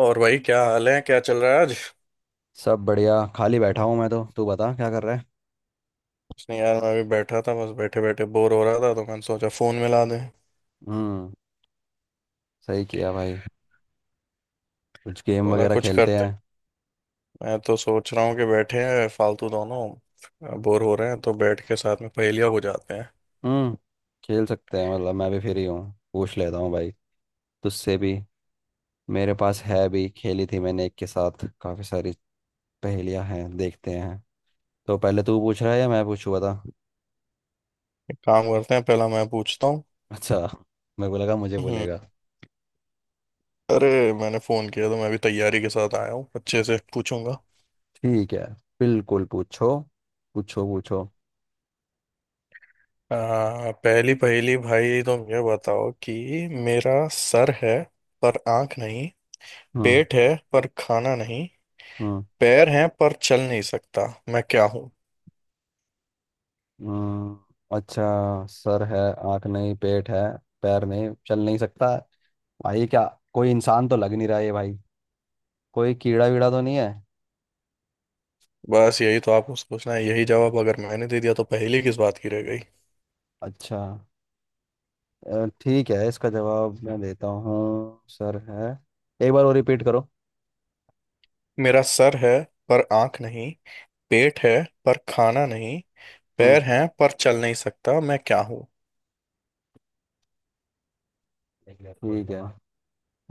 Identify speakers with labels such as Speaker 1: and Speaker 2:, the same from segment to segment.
Speaker 1: और भाई क्या हाल है, क्या चल रहा है आज।
Speaker 2: सब बढ़िया। खाली बैठा हूँ मैं तो। तू बता क्या कर रहा है।
Speaker 1: कुछ नहीं यार, मैं भी बैठा था, बस बैठे बैठे बोर हो रहा था तो मैंने सोचा फोन मिला दें।
Speaker 2: हम्म। सही किया भाई। कुछ गेम
Speaker 1: बोला
Speaker 2: वगैरह
Speaker 1: कुछ
Speaker 2: खेलते
Speaker 1: करते।
Speaker 2: हैं।
Speaker 1: मैं तो सोच रहा हूँ कि बैठे हैं फालतू, दोनों बोर हो रहे हैं तो बैठ के साथ में पहेलियाँ हो जाते हैं।
Speaker 2: हम्म। खेल सकते हैं, मतलब मैं भी फ्री हूँ। पूछ लेता हूँ भाई तुझसे भी। मेरे पास है भी, खेली थी मैंने एक के साथ। काफ़ी सारी पहेलियाँ हैं, देखते हैं। तो पहले तू पूछ रहा है या मैं पूछूँ, बता।
Speaker 1: एक काम करते हैं, पहला मैं पूछता हूँ।
Speaker 2: अच्छा, मेरे को लगा मुझे
Speaker 1: हम्म।
Speaker 2: बोलेगा।
Speaker 1: अरे मैंने फोन किया तो मैं भी तैयारी के साथ आया हूँ, अच्छे से पूछूंगा।
Speaker 2: ठीक है, बिल्कुल पूछो। पूछो पूछो।
Speaker 1: पहली पहेली भाई, तुम ये बताओ कि मेरा सर है पर आंख नहीं,
Speaker 2: हम्म।
Speaker 1: पेट है पर खाना नहीं,
Speaker 2: हम्म।
Speaker 1: पैर हैं पर चल नहीं सकता। मैं क्या हूँ?
Speaker 2: हम्म, अच्छा। सर है, आँख नहीं, पेट है, पैर नहीं, चल नहीं सकता। भाई क्या, कोई इंसान तो लग नहीं रहा है भाई। कोई कीड़ा वीड़ा तो नहीं है।
Speaker 1: बस यही तो आपको सोचना है, यही जवाब अगर मैंने दे दिया तो पहेली किस बात की रह गई।
Speaker 2: अच्छा, ठीक है, इसका जवाब मैं देता हूँ। सर है, एक बार और रिपीट करो।
Speaker 1: मेरा सर है पर आंख नहीं, पेट है पर खाना नहीं,
Speaker 2: हम्म,
Speaker 1: पैर हैं पर चल नहीं सकता। मैं क्या हूँ?
Speaker 2: ठीक है।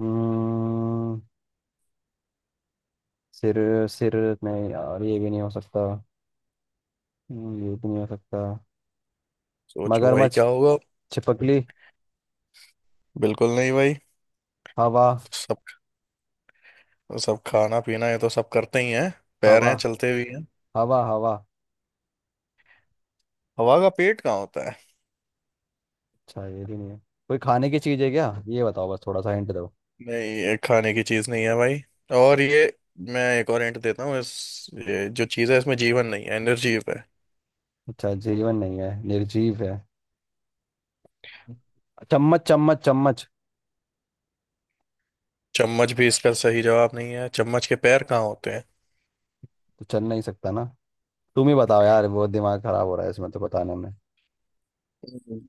Speaker 2: हम्म। सिर। सिर। नहीं यार, ये भी नहीं हो सकता। ये भी नहीं हो सकता।
Speaker 1: सोचो भाई,
Speaker 2: मगरमच्छ।
Speaker 1: क्या होगा।
Speaker 2: छिपकली।
Speaker 1: बिल्कुल नहीं भाई।
Speaker 2: हवा।
Speaker 1: सब सब खाना पीना ये तो सब करते ही हैं, पैर
Speaker 2: हवा।
Speaker 1: हैं चलते भी हैं।
Speaker 2: हवा। हवा।
Speaker 1: हवा का पेट कहाँ होता है।
Speaker 2: अच्छा, ये भी नहीं है। कोई खाने की चीज़ है क्या, ये बताओ, बस थोड़ा सा हिंट दो।
Speaker 1: नहीं, ये खाने की चीज नहीं है भाई। और ये, मैं एक और हिंट देता हूँ, इस ये जो चीज है इसमें जीवन नहीं है, एनर्जी है।
Speaker 2: अच्छा, जीवन नहीं है, निर्जीव है। चम्मच। चम्मच। चम्मच।
Speaker 1: चम्मच भी इसका सही जवाब नहीं है, चम्मच के पैर कहाँ होते हैं।
Speaker 2: तो चल नहीं सकता ना। तुम ही बताओ यार, बहुत दिमाग खराब हो रहा है इसमें तो, बताने में।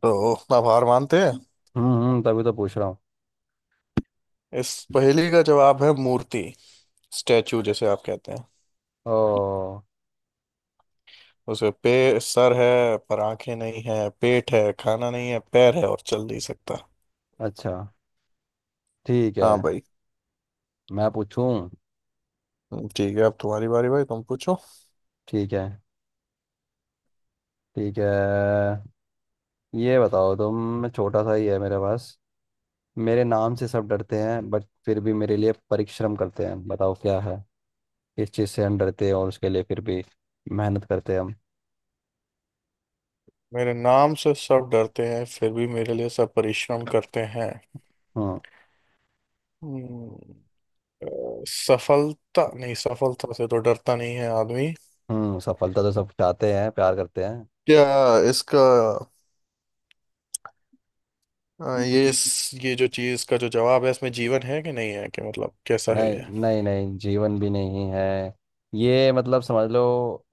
Speaker 1: तो आप हार मानते हैं?
Speaker 2: हम्म, तभी तो पूछ रहा हूँ।
Speaker 1: इस पहेली का जवाब है मूर्ति। स्टैचू जैसे आप कहते हैं।
Speaker 2: ओ।
Speaker 1: उसे पे सर है पर आंखें नहीं है, पेट है खाना नहीं है, पैर है और चल नहीं सकता।
Speaker 2: अच्छा, ठीक है।
Speaker 1: हाँ भाई।
Speaker 2: मैं पूछूं।
Speaker 1: ठीक है, अब तुम्हारी बारी भाई, तुम पूछो।
Speaker 2: ठीक है। ठीक है, ये बताओ, तुम, छोटा सा ही है मेरे पास। मेरे नाम से सब डरते हैं, बट फिर भी मेरे लिए परिश्रम करते हैं, बताओ क्या है। इस चीज़ से हम डरते हैं, और उसके लिए फिर भी मेहनत करते हैं हम।
Speaker 1: मेरे नाम से सब डरते हैं फिर भी मेरे लिए सब परिश्रम करते हैं।
Speaker 2: हम्म।
Speaker 1: हम्म, अ, सफलता? नहीं, सफलता से तो डरता नहीं है आदमी।
Speaker 2: हम्म, सफलता तो सब चाहते हैं, प्यार करते हैं।
Speaker 1: क्या इसका? हाँ, ये इस ये जो चीज का जो जवाब है इसमें जीवन है कि नहीं है, कि मतलब कैसा है
Speaker 2: नहीं
Speaker 1: ये।
Speaker 2: नहीं नहीं, जीवन भी नहीं है। ये मतलब समझ लो।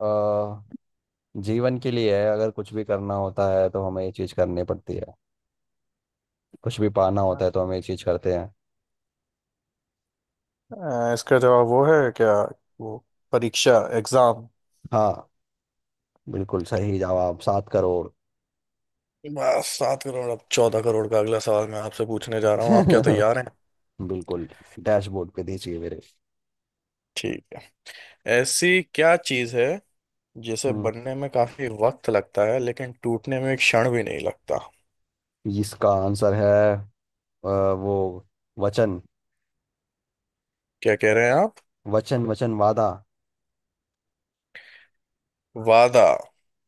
Speaker 2: अ, जीवन के लिए है, अगर कुछ भी करना होता है तो हमें ये चीज़ करनी पड़ती है। कुछ भी पाना होता है तो हमें ये चीज़ करते हैं।
Speaker 1: इसका जवाब वो है क्या? वो परीक्षा, एग्जाम।
Speaker 2: हाँ, बिल्कुल सही जवाब। 7 करोड़।
Speaker 1: बस 7 करोड़। अब 14 करोड़ का अगला सवाल मैं आपसे पूछने जा रहा हूँ, आप क्या तैयार हैं?
Speaker 2: बिल्कुल। डैशबोर्ड पे दीजिए मेरे।
Speaker 1: ठीक है। ऐसी क्या चीज है जिसे
Speaker 2: हम्म,
Speaker 1: बनने में काफी वक्त लगता है लेकिन टूटने में एक क्षण भी नहीं लगता।
Speaker 2: इसका आंसर है, वो, वचन।
Speaker 1: क्या कह रहे हैं आप?
Speaker 2: वचन। वचन, वादा।
Speaker 1: वादा।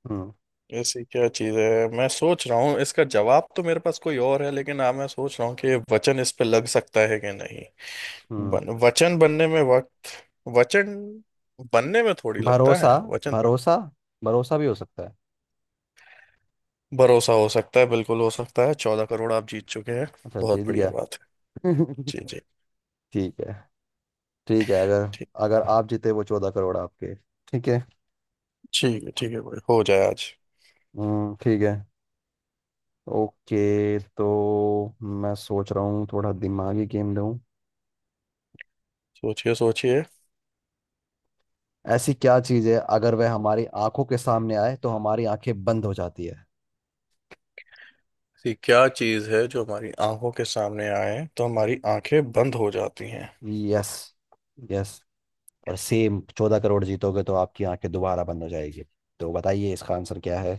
Speaker 2: हम्म।
Speaker 1: ऐसी क्या चीज है, मैं सोच रहा हूँ इसका जवाब तो मेरे पास कोई और है, लेकिन अब मैं सोच रहा हूँ कि वचन इस पे लग सकता है कि नहीं।
Speaker 2: हम्म।
Speaker 1: वचन बनने में वक्त। वचन बनने में थोड़ी लगता है
Speaker 2: भरोसा।
Speaker 1: वचन पर।
Speaker 2: भरोसा। भरोसा भी हो सकता है।
Speaker 1: भरोसा हो सकता है, बिल्कुल हो सकता है, 14 करोड़ आप जीत चुके हैं।
Speaker 2: अच्छा,
Speaker 1: बहुत
Speaker 2: जीत गया।
Speaker 1: बढ़िया बात है। जी जी।
Speaker 2: ठीक है। ठीक है, अगर,
Speaker 1: ठीक,
Speaker 2: अगर आप जीते, वो 14 करोड़ आपके। ठीक है।
Speaker 1: ठीक है। ठीक है भाई, हो जाए आज।
Speaker 2: हम्म, ठीक है। ओके तो मैं सोच रहा हूँ थोड़ा दिमागी गेम दूँ।
Speaker 1: सोचिए सोचिए।
Speaker 2: ऐसी क्या चीज़ है अगर वह हमारी आंखों के सामने आए तो हमारी आंखें बंद हो जाती है।
Speaker 1: ऐसी क्या चीज है जो हमारी आंखों के सामने आए तो हमारी आंखें बंद हो जाती हैं?
Speaker 2: यस। यस। और सेम, 14 करोड़ जीतोगे तो आपकी आंखें दोबारा बंद हो जाएगी। तो बताइए इसका आंसर क्या है।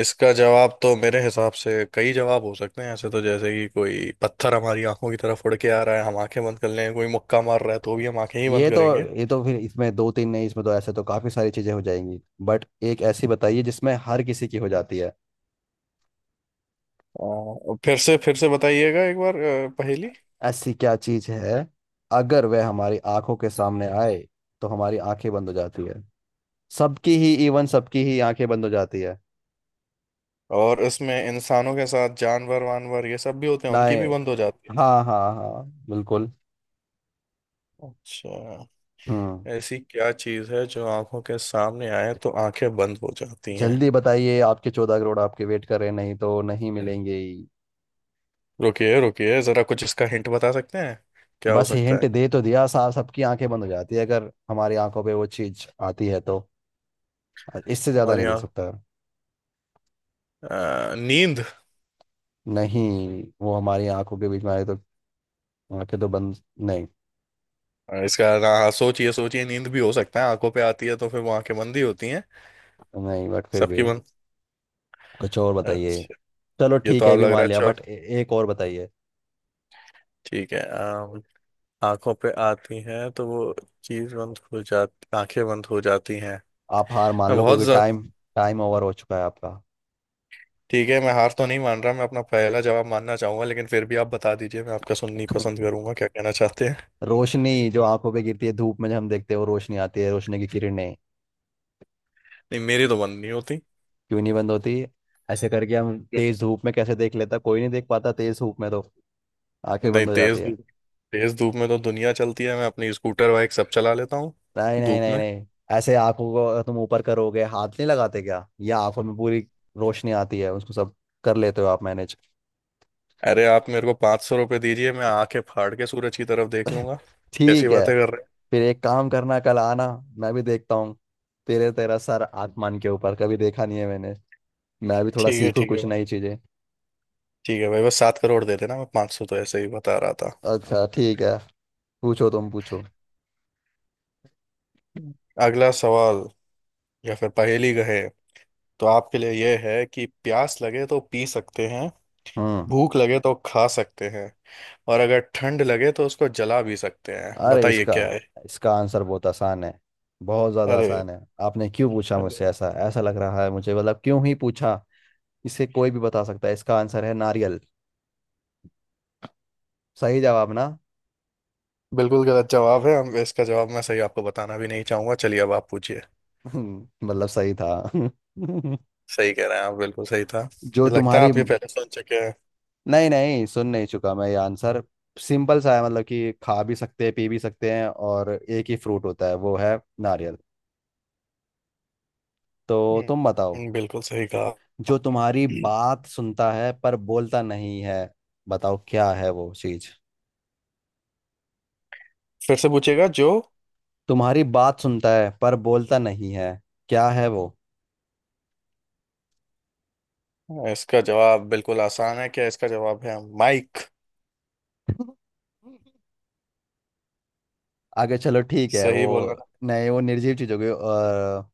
Speaker 1: इसका जवाब तो मेरे हिसाब से कई जवाब हो सकते हैं ऐसे, तो जैसे कि कोई पत्थर हमारी आंखों की तरफ उड़ के आ रहा है, हम आंखें बंद कर लें, कोई मुक्का मार रहा है तो भी हम आंखें ही बंद
Speaker 2: ये तो
Speaker 1: करेंगे।
Speaker 2: ये तो फिर इसमें दो तीन नहीं, इसमें तो ऐसे तो काफी सारी चीजें हो जाएंगी। बट एक ऐसी बताइए जिसमें हर किसी की हो जाती है।
Speaker 1: फिर से बताइएगा एक बार पहेली।
Speaker 2: ऐसी क्या चीज है अगर वह हमारी आंखों के सामने आए तो हमारी आंखें बंद हो जाती है। सबकी ही, इवन सबकी ही आंखें बंद हो जाती है।
Speaker 1: और इसमें इंसानों के साथ जानवर वानवर ये सब भी होते हैं, उनकी
Speaker 2: नाए।
Speaker 1: भी बंद हो जाती है।
Speaker 2: हाँ हाँ हाँ, बिल्कुल।
Speaker 1: अच्छा।
Speaker 2: हम्म।
Speaker 1: ऐसी क्या चीज़ है जो आंखों के सामने आए तो आंखें बंद हो जाती हैं?
Speaker 2: जल्दी बताइए, आपके 14 करोड़ आपके वेट कर रहे हैं, नहीं तो नहीं मिलेंगे ही।
Speaker 1: रुकिए रुकिए जरा, कुछ इसका हिंट बता सकते हैं, क्या हो
Speaker 2: बस
Speaker 1: सकता
Speaker 2: हिंट
Speaker 1: है।
Speaker 2: दे तो दिया साहब, सबकी आंखें बंद हो जाती है अगर हमारी आंखों पे वो चीज आती है तो। इससे ज्यादा
Speaker 1: हमारी
Speaker 2: नहीं दे
Speaker 1: आंख,
Speaker 2: सकता।
Speaker 1: नींद?
Speaker 2: नहीं, वो हमारी आंखों के बीच में आए तो आंखें तो बंद। नहीं
Speaker 1: और इसका ना, हाँ सोचिए सोचिए, नींद भी हो सकता है, आंखों पे आती है तो फिर वो आंखें बंद ही होती हैं,
Speaker 2: नहीं, बट फिर भी
Speaker 1: सबकी बंद।
Speaker 2: कुछ और बताइए।
Speaker 1: अच्छा।
Speaker 2: चलो
Speaker 1: ये तो
Speaker 2: ठीक है, ये
Speaker 1: आप
Speaker 2: भी
Speaker 1: लग रहा
Speaker 2: मान
Speaker 1: है
Speaker 2: लिया,
Speaker 1: चौ
Speaker 2: बट एक और बताइए।
Speaker 1: ठीक है। आंखों पे आती है तो वो चीज बंद हो जाती, आंखें बंद हो जाती हैं।
Speaker 2: आप हार मान
Speaker 1: मैं
Speaker 2: लो
Speaker 1: बहुत
Speaker 2: क्योंकि
Speaker 1: ज...
Speaker 2: टाइम, टाइम ओवर हो चुका है आपका।
Speaker 1: ठीक है, मैं हार तो नहीं मान रहा, मैं अपना पहला जवाब मानना चाहूंगा, लेकिन फिर भी आप बता दीजिए, मैं आपका सुननी पसंद करूंगा क्या कहना चाहते हैं।
Speaker 2: रोशनी, जो आंखों पे गिरती है धूप में, जब हम देखते हैं वो रोशनी आती है, रोशनी की किरणें।
Speaker 1: नहीं मेरी तो बंद नहीं होती।
Speaker 2: क्यों नहीं बंद होती। ऐसे करके हम तेज धूप में कैसे देख, लेता कोई नहीं, देख पाता तेज धूप में तो, आंखें
Speaker 1: नहीं,
Speaker 2: बंद हो जाती है।
Speaker 1: तेज धूप में तो दुनिया चलती है, मैं अपनी स्कूटर बाइक सब चला लेता हूँ
Speaker 2: नहीं नहीं
Speaker 1: धूप
Speaker 2: नहीं
Speaker 1: में।
Speaker 2: नहीं। ऐसे आंखों को तुम ऊपर करोगे, हाथ नहीं लगाते क्या, या आंखों में पूरी रोशनी आती है उसको सब कर लेते हो आप मैनेज।
Speaker 1: अरे आप मेरे को 500 रुपये दीजिए, मैं आंखें फाड़ के सूरज की तरफ देख लूंगा। जैसी
Speaker 2: ठीक है,
Speaker 1: बातें कर रहे हैं।
Speaker 2: फिर एक काम करना, कल आना, मैं भी देखता हूँ। तेरे तेरा सर आसमान के ऊपर कभी देखा नहीं है मैंने। मैं भी थोड़ा सीखूँ
Speaker 1: ठीक है
Speaker 2: कुछ
Speaker 1: भाई।
Speaker 2: नई चीजें।
Speaker 1: ठीक है भाई, बस 7 करोड़ दे देना, मैं 500 तो ऐसे ही बता रहा था।
Speaker 2: अच्छा ठीक है, पूछो तुम, पूछो।
Speaker 1: हम्म। अगला सवाल, या फिर पहेली कहे, तो आपके लिए यह है कि प्यास लगे तो पी सकते हैं,
Speaker 2: हम्म।
Speaker 1: भूख लगे तो खा सकते हैं, और अगर ठंड लगे तो उसको जला भी सकते हैं,
Speaker 2: अरे
Speaker 1: बताइए
Speaker 2: इसका
Speaker 1: क्या है।
Speaker 2: इसका आंसर बहुत आसान है, बहुत ज्यादा
Speaker 1: अरे।
Speaker 2: आसान है। आपने क्यों पूछा
Speaker 1: अरे
Speaker 2: मुझसे, ऐसा ऐसा लग रहा है मुझे, मतलब क्यों ही पूछा। इसे कोई भी बता सकता है, इसका आंसर है नारियल। सही जवाब ना।
Speaker 1: बिल्कुल गलत जवाब है हम, इसका जवाब मैं सही आपको बताना भी नहीं चाहूंगा। चलिए अब आप पूछिए।
Speaker 2: मतलब सही था।
Speaker 1: सही कह रहे हैं आप, बिल्कुल सही था,
Speaker 2: जो
Speaker 1: मुझे लगता है
Speaker 2: तुम्हारी,
Speaker 1: आप ये पहले सुन चुके हैं।
Speaker 2: नहीं नहीं, सुन नहीं चुका मैं ये आंसर। सिंपल सा है, मतलब कि खा भी सकते हैं, पी भी सकते हैं, और एक ही फ्रूट होता है वो है नारियल। तो तुम बताओ,
Speaker 1: बिल्कुल सही कहा।
Speaker 2: जो तुम्हारी बात सुनता है पर बोलता नहीं है, बताओ क्या है वो चीज।
Speaker 1: फिर से पूछेगा? जो
Speaker 2: तुम्हारी बात सुनता है पर बोलता नहीं है, क्या है वो।
Speaker 1: इसका जवाब बिल्कुल आसान है, क्या इसका जवाब है माइक।
Speaker 2: आगे चलो, ठीक है वो,
Speaker 1: सही बोला ना?
Speaker 2: नहीं वो निर्जीव चीज होगी, और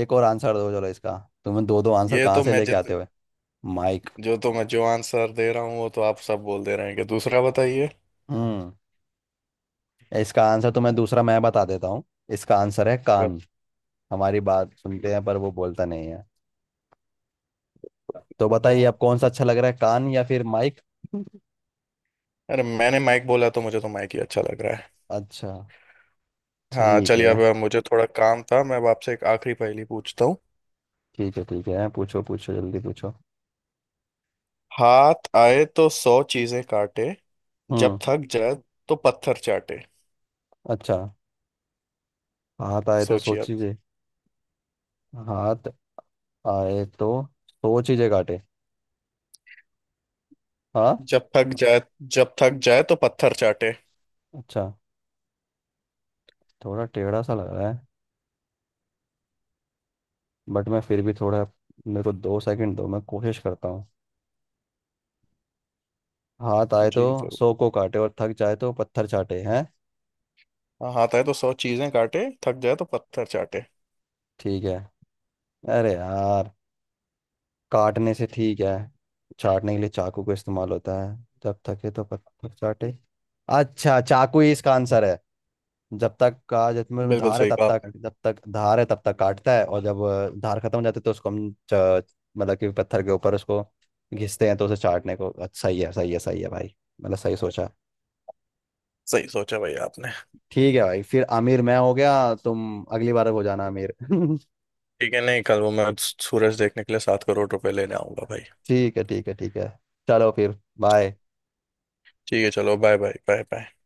Speaker 2: एक और आंसर दो चलो इसका। तुम्हें दो दो आंसर
Speaker 1: ये
Speaker 2: कहाँ
Speaker 1: तो
Speaker 2: से
Speaker 1: मैं
Speaker 2: लेके
Speaker 1: जित
Speaker 2: आते हुए। माइक।
Speaker 1: जो तो मैं जो आंसर दे रहा हूँ वो तो आप सब बोल दे रहे हैं कि दूसरा बताइए।
Speaker 2: हम्म, इसका आंसर तुम्हें दूसरा मैं बता देता हूँ। इसका आंसर है कान, हमारी बात सुनते हैं पर वो बोलता नहीं है। तो बताइए
Speaker 1: बताइए।
Speaker 2: अब कौन सा अच्छा लग रहा है, कान या फिर माइक।
Speaker 1: अरे मैंने माइक बोला तो मुझे तो माइक ही अच्छा लग रहा है।
Speaker 2: अच्छा,
Speaker 1: हाँ,
Speaker 2: ठीक
Speaker 1: चलिए
Speaker 2: है।
Speaker 1: अब मुझे थोड़ा काम था, मैं अब आपसे एक आखिरी पहेली पूछता हूँ।
Speaker 2: ठीक है, ठीक है, पूछो पूछो, जल्दी पूछो।
Speaker 1: हाथ आए तो 100 चीजें काटे, जब
Speaker 2: हम्म।
Speaker 1: थक जाए तो पत्थर चाटे।
Speaker 2: अच्छा, हाथ आए तो,
Speaker 1: सोचिए आप।
Speaker 2: सोचिए, हाथ आए तो 100 चीजें काटे, हाँ।
Speaker 1: जब थक जाए, जब थक जाए तो पत्थर चाटे।
Speaker 2: अच्छा, थोड़ा टेढ़ा सा लग रहा है, बट मैं फिर भी थोड़ा, मेरे को 2 सेकंड दो, मैं कोशिश करता हूँ। हाथ आए तो
Speaker 1: जी जरूर।
Speaker 2: 100 को काटे और थक जाए तो पत्थर चाटे हैं।
Speaker 1: हाँ, हाथ आए तो 100 चीजें काटे, थक जाए तो पत्थर चाटे।
Speaker 2: ठीक है, अरे यार, काटने से ठीक है, चाटने के लिए, चाकू का इस्तेमाल होता है, जब थके तो पत्थर चाटे। अच्छा, चाकू ही इसका आंसर है, जब तक का जब में
Speaker 1: बिल्कुल
Speaker 2: धार है
Speaker 1: सही
Speaker 2: तब
Speaker 1: कहा
Speaker 2: तक,
Speaker 1: आपने।
Speaker 2: जब तक धार है तब तक काटता है, और जब धार खत्म हो जाती है तो उसको हम मतलब कि पत्थर के ऊपर उसको घिसते हैं, तो उसे चाटने को। अच्छा, सही है सही है सही है भाई, मतलब सही सोचा।
Speaker 1: सही सोचा भाई आपने।
Speaker 2: ठीक है भाई, फिर आमिर मैं हो गया, तुम अगली बार हो जाना आमिर।
Speaker 1: ठीक है, नहीं कल वो मैं सूरज देखने के लिए 7 करोड़ रुपए लेने आऊंगा भाई।
Speaker 2: ठीक है ठीक है ठीक है, चलो फिर बाय।
Speaker 1: ठीक है चलो बाय बाय बाय बाय।